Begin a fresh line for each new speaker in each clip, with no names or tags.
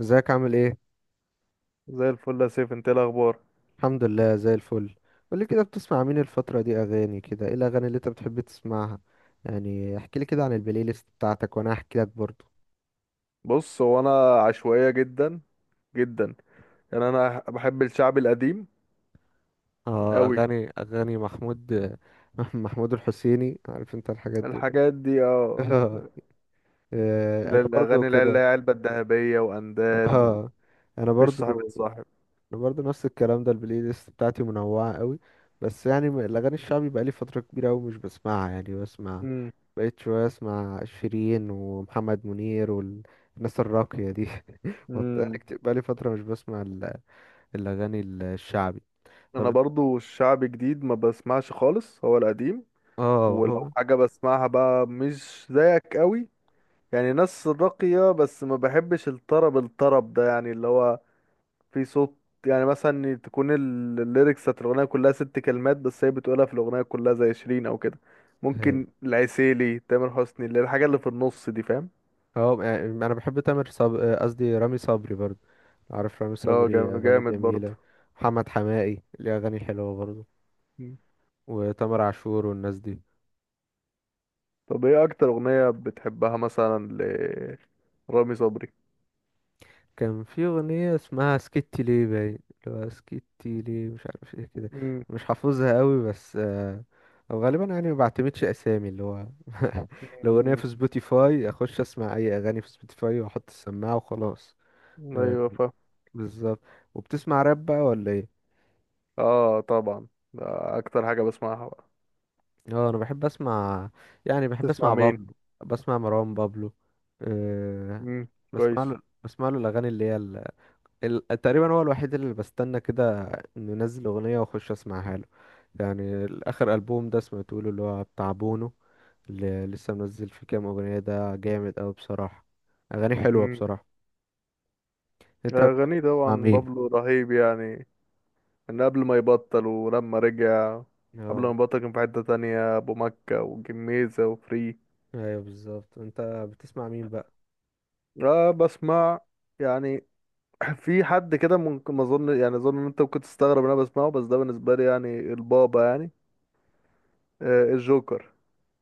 ازيك، عامل ايه؟
زي الفل يا سيف، انت ايه الاخبار؟
الحمد لله، زي الفل. قولي كده، بتسمع مين الفترة دي اغاني كده؟ ايه الاغاني اللي انت بتحب تسمعها؟ يعني احكي لي كده عن البلاي ليست بتاعتك وانا احكي لك برضو.
بص، هو انا عشوائيه جدا جدا. يعني انا بحب الشعب القديم
اه،
قوي.
اغاني محمود. محمود الحسيني، عارف انت الحاجات دي؟
الحاجات دي اه.
اه.
اللي
انا
هي
برضو
الاغاني اللي هي اللي
كده.
هي علبه الذهبيه واندال،
اه، انا
ومفيش
برضو
صاحب صاحب.
انا برضه نفس الكلام ده، البلاي ليست بتاعتي منوعه قوي. بس يعني الاغاني الشعبي بقالي فتره كبيره قوي مش بسمعها، يعني بسمع،
امم.
بقيت شويه اسمع شيرين ومحمد منير والناس الراقيه دي.
امم.
بقالي فتره مش بسمع الاغاني الشعبي.
انا
طب
برضو الشعب جديد ما بسمعش خالص، هو القديم.
اه،
ولو
هو.
حاجه بسمعها بقى مش زيك قوي، يعني ناس راقيه، بس ما بحبش الطرب الطرب ده، يعني اللي هو في صوت. يعني مثلا تكون الليركس بتاعت الأغنية كلها ست كلمات، بس هي بتقولها في الأغنية كلها زي شيرين أو كده.
هي-
ممكن العسيلي، تامر حسني، اللي الحاجة اللي في النص دي، فاهم؟
هو يعني انا بحب تامر صبري، قصدي رامي صبري برضه. عارف رامي
اه
صبري اغاني
جامد برضه.
جميله. محمد حماقي ليه اغاني حلوه برضه.
مم.
وتامر عاشور والناس دي.
طب ايه أكتر أغنية بتحبها مثلا لرامي صبري؟
كان في أغنية اسمها سكتي ليه باين، اللي هو سكتي ليه، مش عارف ايه كده.
مم.
مش حافظها قوي بس. أو غالبا، يعني ما بعتمدش أسامي، اللي هو. الأغنية
مم.
في سبوتيفاي أخش أسمع أي أغاني في سبوتيفاي وأحط السماعة وخلاص. آه،
ايوه فاهم.
بالظبط. وبتسمع راب بقى ولا ايه؟
اه طبعا، ده أكتر حاجة بسمعها بقى.
اه، أنا بحب أسمع، يعني بحب
تسمع
أسمع
مين؟
بابلو. بسمع مروان بابلو. أه.
مم،
بسمع
كويس.
له بسمع له الأغاني اللي هي تقريبا هو الوحيد اللي بستنى كده انه ينزل اغنيه واخش اسمعها له. يعني الاخر البوم ده سمعته له، اللي هو بتاع بونو، اللي لسه منزل فيه كام اغنيه. ده جامد اوي بصراحه، اغاني حلوه
مم.
بصراحه. انت بتحب
أغاني،
تسمع
طبعا
مين؟
بابلو رهيب يعني، ان قبل ما يبطل ولما رجع. قبل ما
اه،
يبطل كان في حتة تانية، ابو مكة والجميزة وفري.
ايوه بالظبط. انت بتسمع مين بقى؟
اه بسمع يعني، في حد كده ممكن، ما اظن يعني، اظن ان انت ممكن تستغرب ان انا بسمعه، بس ده بالنسبة لي يعني البابا يعني. الجوكر.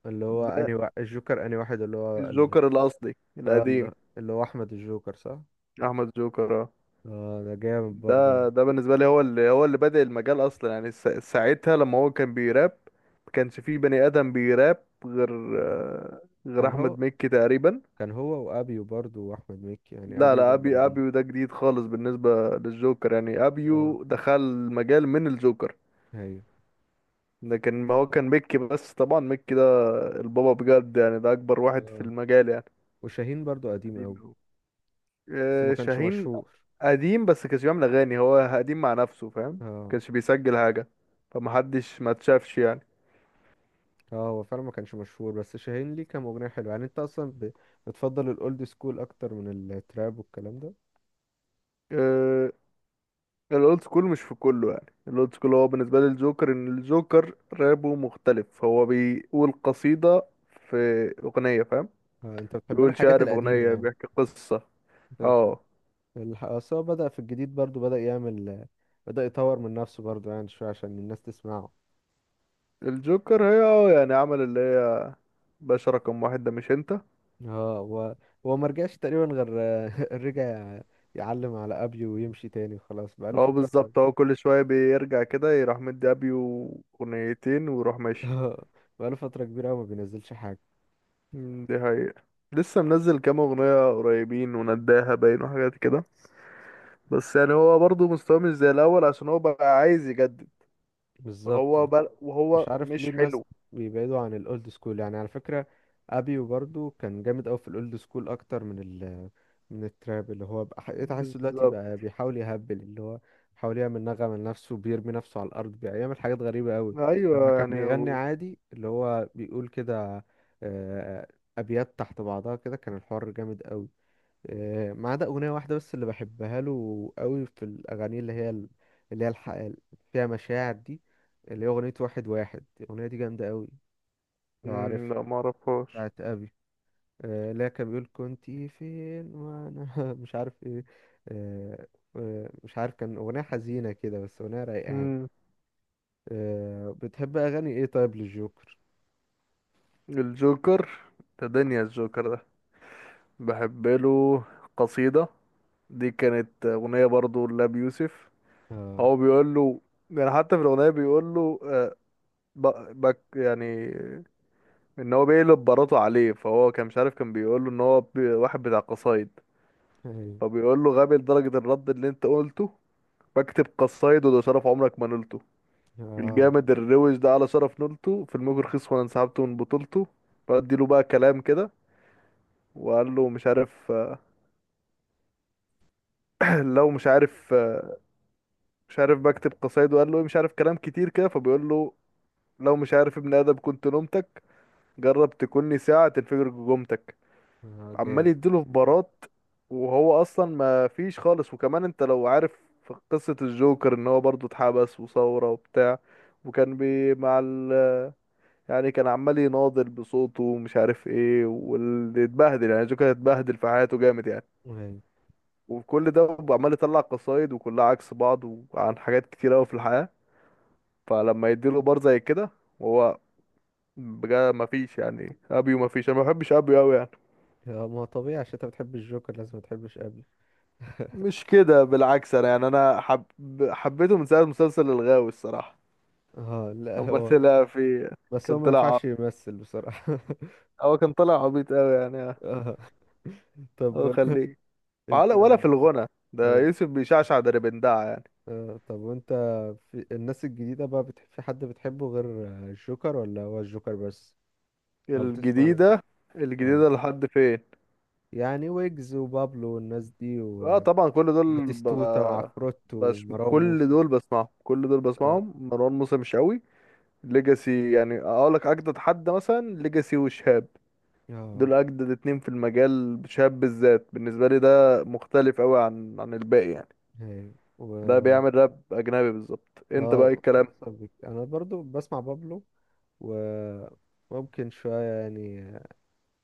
اللي هو
ده
انهي الجوكر انهي واحد، اللي هو
الجوكر الاصلي
اه.
القديم.
اللي هو احمد الجوكر، صح؟
احمد جوكر، اه.
اه، ده جامد برضه
ده
يعني.
ده بالنسبة لي هو اللي بادئ المجال اصلا يعني، ساعتها لما هو كان بيراب. ما كانش فيه بني ادم بيراب غير، آه، غير
كان هو
احمد مكي تقريبا.
كان هو وابيو برضه واحمد مكي، يعني
لا
ابيو
لا،
برضه
ابي
قديم.
ابيو ده جديد خالص بالنسبه للجوكر، يعني
اه،
ابيو دخل مجال من الجوكر.
ايوه.
لكن ما هو كان ميكي بس، طبعا ميكي ده البابا بجد يعني، ده اكبر واحد في
اه،
المجال يعني.
وشاهين برضو قديم
قديم
قوي.
هو،
بس ما كانش
شاهين.
مشهور.
قديم بس كانش بيعمل اغاني، هو قديم مع نفسه، فاهم؟
اه.
كانش بيسجل حاجه، فمحدش ما اتشافش يعني.
اه، هو فعلا ما كانش مشهور، بس شاهين ليه كان مغنية حلوة يعني. انت اصلا بتفضل الاولد سكول اكتر من التراب والكلام ده؟
آه، الاولد سكول مش في كله يعني، الاولد سكول هو بالنسبه لي الجوكر، ان الجوكر رابه مختلف، هو بيقول قصيده في اغنيه، فاهم؟
انت بتحب له
بيقول
الحاجات
شعر في
القديمة
أغنية،
يعني.
بيحكي قصة.
انت بتحب
اه.
اصل هو بدأ في الجديد برضو، بدأ يطور من نفسه برضو يعني شوية عشان الناس تسمعه.
الجوكر، هي اه يعني، عمل اللي هي باشا رقم واحد ده، مش انت؟
اه، هو. هو ما رجعش تقريبا، غير رجع يعلم على ابيو ويمشي تاني وخلاص، بقاله
اه
فترة.
بالظبط، هو كل شوية بيرجع كده، يروح مدي أبيو أغنيتين ويروح ماشي.
بقاله فترة كبيرة أوي ما بينزلش حاجة.
مم، دي حقيقة. لسه منزل كام أغنية قريبين، ونداها باين وحاجات كده. بس يعني هو برضه مستواه مش زي الأول، عشان هو بقى عايز يجدد،
بالظبط.
فهو بل وهو
مش عارف ليه
مش
الناس
حلو.
بيبعدوا عن الاولد سكول، يعني على فكرة ابيو برضو كان جامد قوي في الاولد سكول اكتر من من التراب، اللي هو بقى إيه، تحسه دلوقتي
بالظبط.
بقى بيحاول يهبل، اللي هو بيحاول يعمل نغمة لنفسه، بيرمي نفسه على الارض، بيعمل حاجات غريبة قوي. لما
أيوه،
كان
يعني
بيغني
هو.
عادي اللي هو بيقول كده، آه، ابيات تحت بعضها كده، كان الحوار جامد قوي. ما عدا أغنية واحدة بس اللي بحبها له قوي في الأغاني، اللي هي اللي هي اللي فيها مشاعر دي، اللي هي أغنية واحد واحد، الأغنية دي جامدة قوي. لو
مم،
عارف،
لا معرفهاش.
بتاعت أبي، اللي هي كان بيقول كنت فين وأنا، مش عارف إيه، آه، مش عارف، كان أغنية حزينة كده بس أغنية رايقة يعني. بتحب أغاني إيه طيب للجوكر؟
الجوكر، ده دنيا الجوكر ده. بحب له قصيدة. دي كانت أغنية برضو لأبي يوسف.
اه.
هو بيقول له، يعني حتى في الأغنية بيقول له، بك يعني، إن هو بيقلب براته عليه. فهو كان مش عارف، كان بيقول له إن هو واحد بتاع قصايد.
أيوه.
فبيقول له غبي لدرجة الرد اللي أنت قلته، بكتب قصايد وده شرف عمرك ما نلته.
آه.
الجامد الروش ده على شرف نلته في الموج رخيص، وأنا انسحبت من بطولته. فأدي له بقى كلام كده، وقال له مش عارف، لو مش عارف، مش عارف بكتب قصايد. وقال له إيه مش عارف، كلام كتير كده فبيقول له لو مش عارف ابن آدم كنت نومتك، جرب تكوني ساعة تنفجر جمتك.
آه،
عمال
جامد.
يديله في بارات، وهو أصلا ما فيش خالص. وكمان أنت لو عارف في قصة الجوكر، إن هو برضه اتحبس وثورة وبتاع، وكان بي مع ال، يعني كان عمال يناضل بصوته ومش عارف ايه واللي اتبهدل، يعني الجوكر اتبهدل في حياته جامد يعني.
أيوه.
وكل ده عمال يطلع قصايد، وكلها عكس بعض، وعن حاجات كتير قوي في الحياة. فلما يديله بار زي كده، وهو بجد مفيش يعني، ابيو مفيش، انا ما بحبش ابيو قوي يعني.
ما هو طبيعي، عشان أنت بتحب الجوكر لازم متحبش أبي.
مش كده، بالعكس، انا يعني حبيته من ساعه مسلسل الغاوي الصراحه.
اه، لا،
اما
هو
طلع في،
بس هو
كان
ما
طلع
ينفعش
عبيط،
يمثل بصراحة.
هو كان طلع عبيط قوي يعني.
اه، طب
هو خليه
انت.
ولا في الغنى ده،
أيوة.
يوسف بيشعشع دربندعة يعني.
اه، طب وانت في الناس الجديدة بقى في حد بتحبه غير الجوكر ولا هو الجوكر بس؟ او بتسمع لك.
الجديده.
اه،
الجديده لحد فين؟
يعني ويجز وبابلو والناس دي،
اه طبعا،
وباتيستوتا وعفروت
بس
ومروان
كل
موسى.
دول بسمعهم كل دول
اه.
بسمعهم مروان موسى مش قوي. ليجاسي يعني، اقول لك اجدد حد مثلا، ليجاسي وشهاب،
اه.
دول اجدد اتنين في المجال. شهاب بالذات بالنسبه لي، ده مختلف قوي عن الباقي يعني.
أيوة.
ده
و
بيعمل راب اجنبي بالظبط، انت بقى إيه
اه،
الكلام.
وصل بك. انا برضو بسمع بابلو، وممكن شوية يعني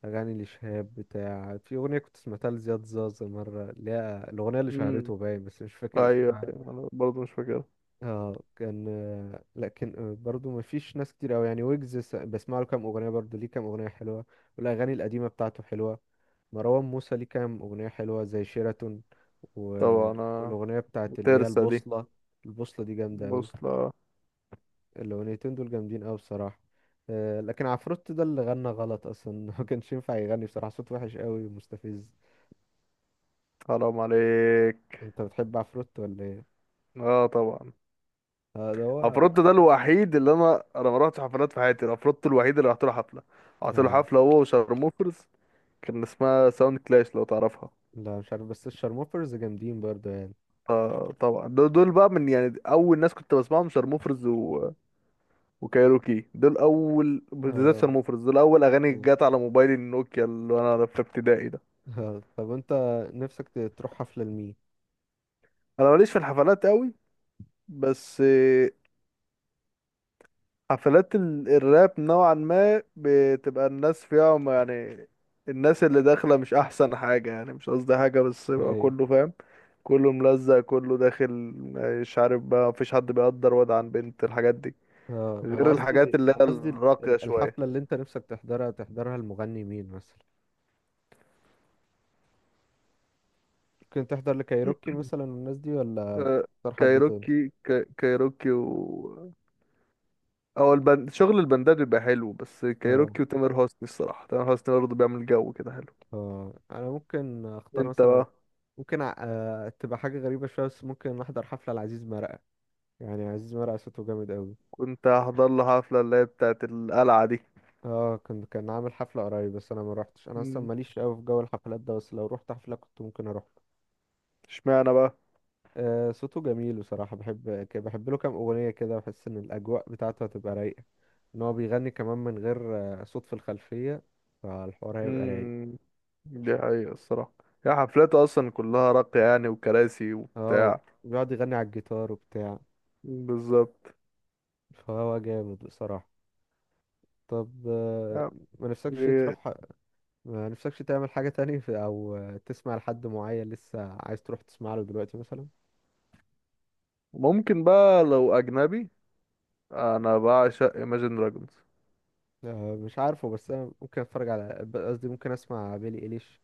أغاني لشهاب، بتاع، في أغنية كنت سمعتها لزياد زازا مرة، اللي هي الأغنية اللي
امم.
شهرته باين بس مش فاكر
ايوه
اسمها.
ايوه، انا برضه مش فاكر.
اه، كان. لكن برضو ما فيش ناس كتير أوي يعني. ويجز بسمع له كام أغنية، برضو ليه كام أغنية حلوة، والأغاني القديمة بتاعته حلوة. مروان موسى ليه كام أغنية حلوة زي شيراتون، و...
طبعا، انا
والأغنية بتاعت اللي هي
ترسة دي.
البوصلة. البوصلة دي جامدة أوي،
بص، لا.
الأغنيتين دول جامدين أوي بصراحة. لكن عفروت ده اللي غنى غلط أصلا. ما كانش ينفع يغني بصراحة، صوت وحش أوي ومستفز.
حرام عليك.
انت بتحب عفروت ولا ايه؟
اه طبعا،
اه، ده هو.
عفروتو ده الوحيد اللي انا ما رحتش حفلات في حياتي، عفروتو الوحيد اللي رحت له حفله. رحت له
اه،
حفله هو وشارموفرز. كان اسمها ساوند كلاش، لو تعرفها؟
لا مش عارف، بس الشارموفرز جامدين برضه يعني.
اه طبعا، دول بقى من يعني، اول ناس كنت بسمعهم شارموفرز و... وكايروكي، دول اول، بالذات
اه.
شارموفرز، دول اول اغاني
مم.
جت على موبايلي النوكيا، اللي انا في ابتدائي ده.
اه، طب انت نفسك تروح حفلة لمين؟
انا ماليش في الحفلات قوي. بس حفلات ال... الراب نوعا ما بتبقى الناس فيها ما يعني، الناس اللي داخله مش احسن حاجه يعني، مش قصدي حاجه، بس بقى
هاي.
كله فاهم، كله ملزق، كله داخل، مش عارف بقى مفيش حد بيقدر واد عن بنت، الحاجات دي.
اه،
غير
انا
الحاجات
قصدي
اللي هي
انا قصدي
الراقية شوية.
الحفلة اللي انت نفسك تحضرها، تحضرها المغني مين مثلا؟ ممكن تحضر لكايروكي مثلا والناس دي، ولا
آه،
تختار حد تاني؟
كايروكي، كايروكي، و او البند... شغل البندات بيبقى حلو، بس
اه.
كايروكي وتامر حسني، الصراحة تامر حسني برضه بيعمل جو كده حلو.
اه، انا ممكن اختار
انت
مثلا،
بقى.
ممكن ع- آه تبقى حاجة غريبة شوية بس ممكن احضر حفلة لعزيز مرقة، يعني عزيز مرقة صوته جامد قوي.
كنت هحضر له حفلة اللي هي بتاعت القلعة دي.
اه، كان عامل حفلة قريب بس انا ما روحتش، انا اصلا
مم،
ماليش قوي في جو الحفلات ده، بس لو روحت حفلة كنت ممكن اروح له.
اشمعنى بقى؟
صوته جميل بصراحة، بحب له كام اغنية كده، بحس ان الاجواء بتاعته هتبقى رايقة، ان هو بيغني كمان من غير صوت في الخلفية، فالحوار هيبقى رايق.
امم، دي حقيقة الصراحة. هي حفلاته اصلا كلها راقية يعني، وكراسي
اه،
وبتاع.
بيقعد يغني على الجيتار وبتاع.
بالظبط.
فهو جامد بصراحة. طب.
آه،
ما نفسكش
إيه،
تروح، ما نفسكش تعمل حاجة تاني او تسمع لحد معين لسه عايز تروح تسمع له دلوقتي مثلا؟
ممكن بقى لو اجنبي، انا بعشق Imagine Dragons.
مش عارفه، بس انا ممكن اتفرج قصدي ممكن اسمع بيلي ايليش.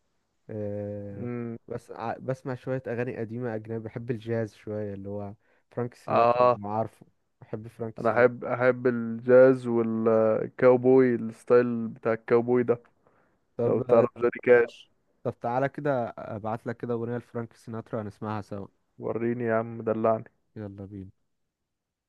آه،
امم.
بس بسمع شويه اغاني قديمه اجنبي، بحب الجاز شويه، اللي هو فرانك سيناترا،
اه،
لو عارفه. بحب فرانك
انا
سيناترا.
احب الجاز والكاوبوي، الستايل بتاع الكاوبوي ده. لو
طب.
تعرف جوني كاش.
طب تعالى كده ابعت لك كده اغنيه لفرانك سيناترا، هنسمعها سوا.
وريني يا عم، دلعني.
يلا بينا.